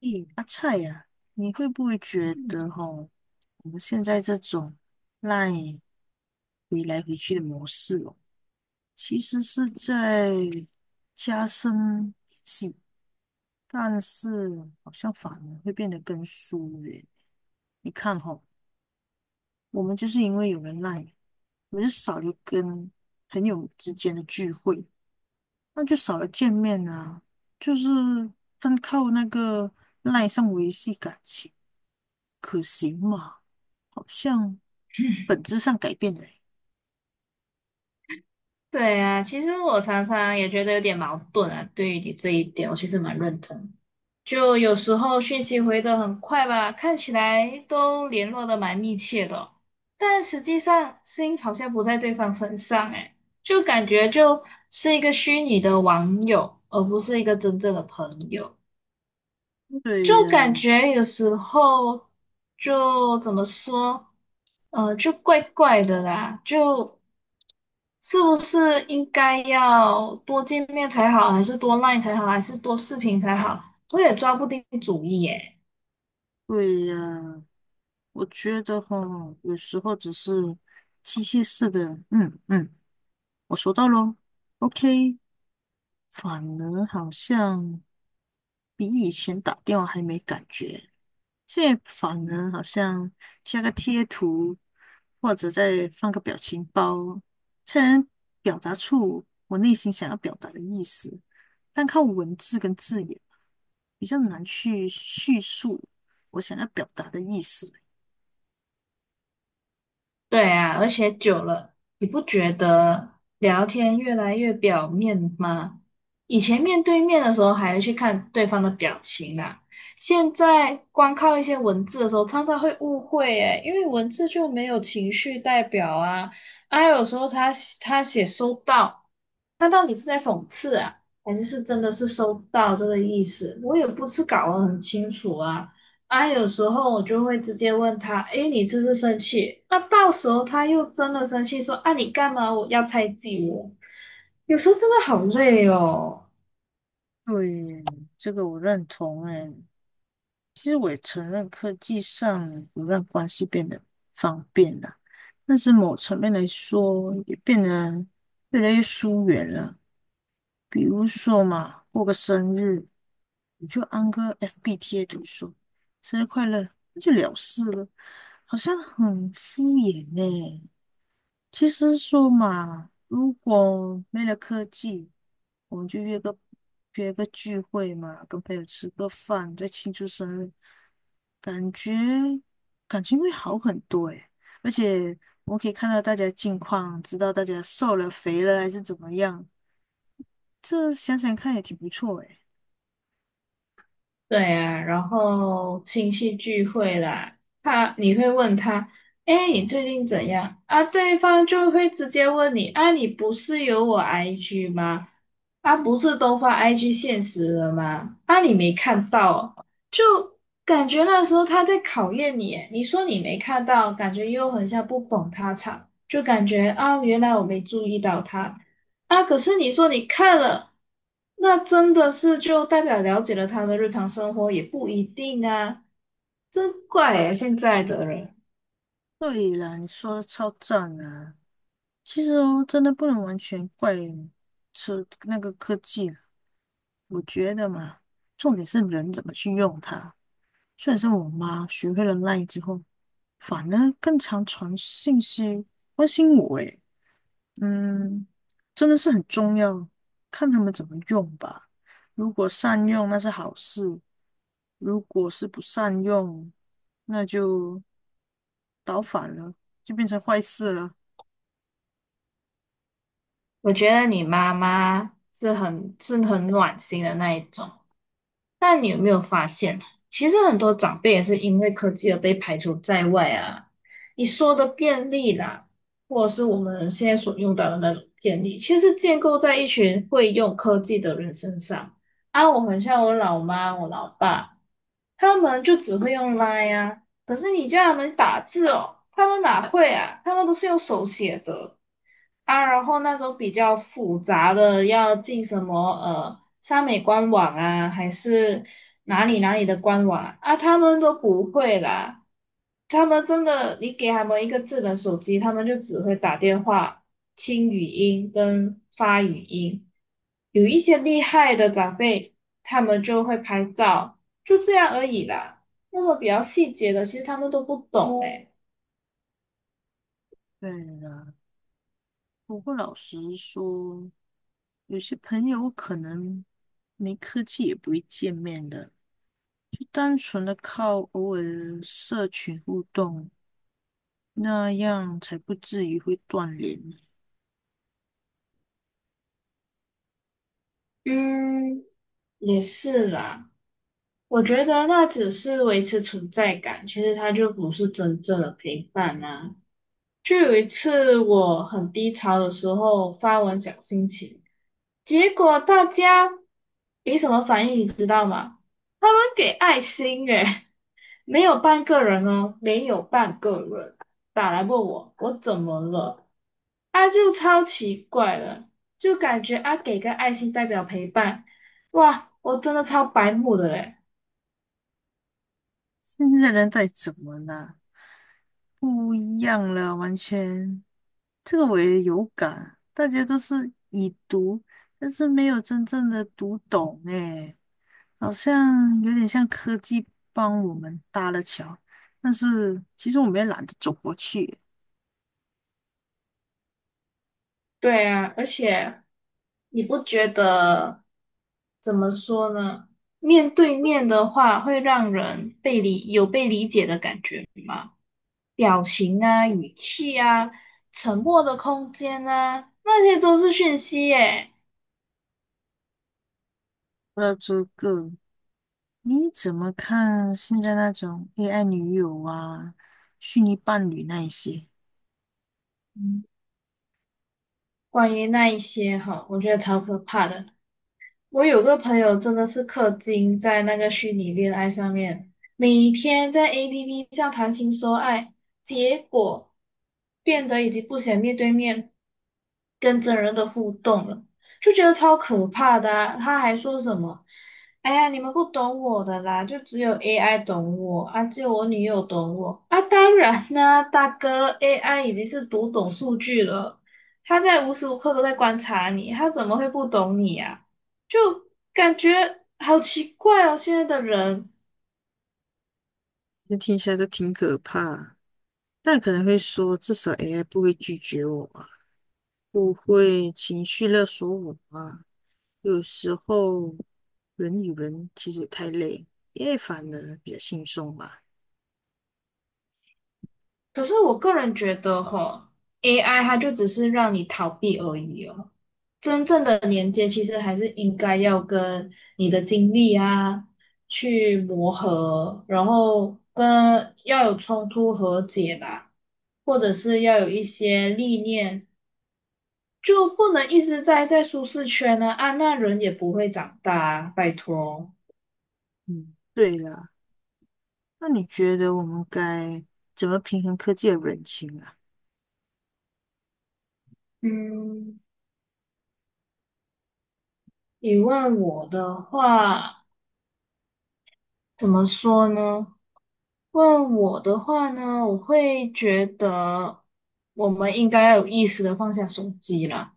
咦，阿菜呀、你会不会觉嗯，得哈，我们现在这种赖回来回去的模式哦，其实是在加深联系，但是好像反而会变得更疏远。你看哈，我们就是因为有人赖，我们就少了跟朋友之间的聚会，那就少了见面啊，就是单靠那个赖上维系感情。可行吗？好像本质上改变了欸。对啊，其实我常常也觉得有点矛盾啊，对于你这一点，我其实蛮认同。就有时候讯息回得很快吧，看起来都联络得蛮密切的哦但实际上心好像不在对方身上，诶，就感觉就是一个虚拟的网友，而不是一个真正的朋友。就对呀，感觉有时候就怎么说，就怪怪的啦，就。是不是应该要多见面才好，还是多 LINE 才好，还是多视频才好？我也抓不定主意耶。对呀，我觉得哈，有时候只是机械式的，嗯嗯，我收到咯， OK 反而好像比以前打电话还没感觉，现在反而好像加个贴图，或者再放个表情包，才能表达出我内心想要表达的意思，但靠文字跟字眼。比较难去叙述我想要表达的意思。对啊，而且久了，你不觉得聊天越来越表面吗？以前面对面的时候还要去看对方的表情啦，现在光靠一些文字的时候，常常会误会耶，因为文字就没有情绪代表啊。啊，有时候他写收到。他到底是在讽刺啊，还是是真的是收到这个意思？我也不是搞得很清楚啊。啊，有时候我就会直接问他，诶，你这是生气？那到时候他又真的生气说，啊，你干嘛我要猜忌我？有时候真的好累哦。对，这个我认同诶。其实我也承认科技上有让关系变得方便了，但是某层面来说，也变得越来越疏远了。比如说嘛，过个生日，你就安个 FB 贴图说“生日快乐”，那就了事了，好像很敷衍呢、其实说嘛，如果没了科技，我们就约个聚会嘛，跟朋友吃个饭，再庆祝生日，感觉感情会好很多诶。而且我们可以看到大家近况，知道大家瘦了、肥了还是怎么样，这想想看也挺不错诶。对啊，然后亲戚聚会啦，他你会问他，哎，你最近怎样啊？对方就会直接问你，啊，你不是有我 IG 吗？啊，不是都发 IG 现实了吗？啊，你没看到感觉那时候他在考验你耶你说你没看到，感觉又很像不捧他场，就感觉啊，原来我没注意到他啊。可是你说你看了，那真的是就代表了解了他的日常生活，也不一定啊。真怪耶，现在的人，对啦，你说的超赞啊！其实哦，真的不能完全怪车那个科技啦，我觉得嘛，重点是人怎么去用它。虽然说我妈学会了 l 之后，反而更常传信息关心我，诶，嗯，真的是很重要，看他们怎么用吧。如果善用那是好事，如果是不善用，那就倒反了，就变成坏事了。我觉得你妈妈是很是很暖心的那一种。但你有没有发现，其实很多长辈也是因为科技而被排除在外啊？你说的便利啦，或者是我们现在所用到的那种便利，其实建构在一群会用科技的人身上。啊，我很像我老妈、我老爸，他们就只会用 l 呀，可是你叫他们打字哦，他们哪会啊？他们都是用手写的。啊，然后那种比较复杂的，要进什么三美官网啊，还是哪里哪里的官网啊，啊他们都不会啦。他们真的，你给他们一个智能手机，他们就只会打电话、听语音跟发语音。有一些厉害的长辈，他们就会拍照，就这样而已啦。那种比较细节的，其实他们都不懂诶。对了，不过老实说，有些朋友可能没科技也不会见面的。就单纯的靠偶尔的社群互动，那样才不至于会断联。嗯，也是啦，我觉得那只是维持存在感，其实它就不是真正的陪伴啊。就有一次我很低潮的时候发文讲心情，结果大家给什么反应你知道吗？他们给爱心诶，没有半个人哦，没有半个人打来问我怎么了，啊就超奇怪了，就感觉啊给个爱心代表陪伴，哇，我真的超白目的嘞。现在人在怎么了？不一样了，完全。这个我也有感，大家都是已读，但是没有真正的读懂，诶，好像有点像科技帮我们搭了桥，但是其实我们也懒得走过去。对啊，而且你不觉得怎么说呢？面对面的话，会让人被理，有被理解的感觉吗？表情啊、语气啊、沉默的空间啊，那些都是讯息耶。不知道这个你怎么看现在那种 AI 女友啊、虚拟伴侣那一些？嗯，关于那一些哈，我觉得超可怕的。我有个朋友真的是氪金在那个虚拟恋爱上面，每天在 APP 上谈情说爱，结果变得已经不想面对面跟真人的互动了，就觉得超可怕的啊他还说什么：“哎呀，你们不懂我的啦，就只有 AI 懂我啊，只有我女友懂我啊。”当然啦，大哥，AI 已经是读懂数据了，他在无时无刻都在观察你，他怎么会不懂你呀？就感觉好奇怪哦，现在的人。这听起来都挺可怕。但可能会说，至少 AI 不会拒绝我啊，不会情绪勒索我啊。有时候人与人其实太累，AI 反而比较轻松吧。可是我个人觉得吼 AI 它就只是让你逃避而已哦。真正的连接其实还是应该要跟你的经历啊去磨合，然后跟要有冲突和解吧，或者是要有一些历练，就不能一直待在舒适圈呢啊，那人也不会长大啊，拜托。嗯，对了，那你觉得我们该怎么平衡科技的人情啊？嗯。你问我的话，怎么说呢？问我的话呢，我会觉得我们应该要有意识的放下手机了。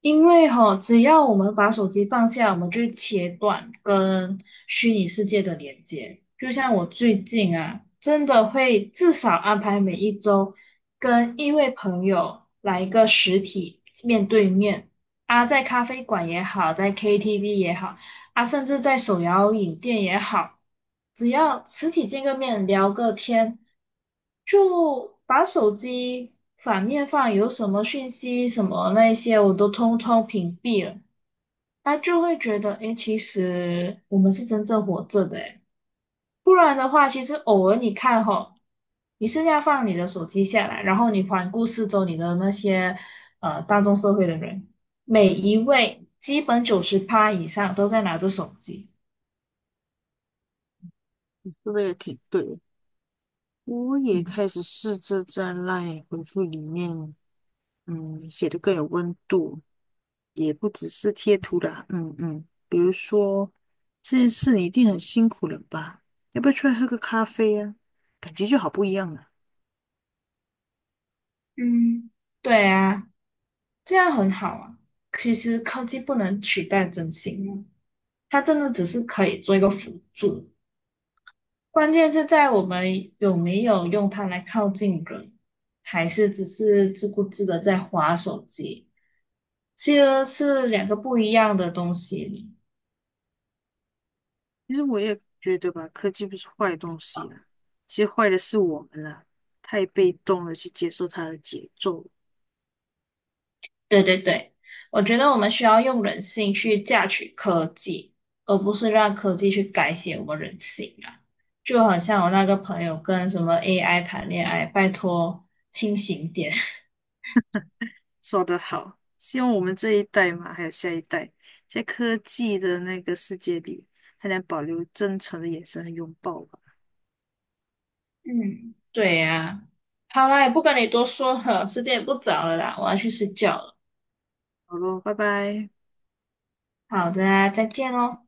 因为哈，只要我们把手机放下，我们就会切断跟虚拟世界的连接。就像我最近啊，真的会至少安排每一周跟一位朋友来一个实体面对面啊，在咖啡馆也好，在 KTV 也好，啊，甚至在手摇饮店也好。只要实体见个面聊个天，就把手机反面放，有什么讯息什么那些，我都通通屏蔽了。他就会觉得，诶，其实我们是真正活着的，诶，不然的话，其实偶尔你看吼，你是要放你的手机下来，然后你环顾四周你的那些大众社会的人，每一位基本九十趴以上都在拿着手机，这个也挺对的。我也嗯开始试着在 LINE 回复里面。嗯，写的更有温度，也不只是贴图啦。嗯嗯，比如说这件事你一定很辛苦了吧？要不要出来喝个咖啡啊？感觉就好不一样了。嗯，对啊。这样很好啊。其实科技不能取代真心啊它真的只是可以做一个辅助，关键是在我们有没有用它来靠近人，还是只是自顾自的在划手机，其实是两个不一样的东西。其实我也觉得吧，科技不是坏东西啊，其实坏的是我们啦，太被动的去接受它的节奏。对对对，我觉得我们需要用人性去榨取科技，而不是让科技去改写我们人性啊。就好像我那个朋友跟什么 AI 谈恋爱，拜托清醒点。说得好，希望我们这一代嘛，还有下一代，在科技的那个世界里，还能保留真诚的眼神和拥抱吧。嗯，对呀、好啦，也不跟你多说了，时间也不早了啦，我要去睡觉了。好咯，拜拜。好的啊，再见哦。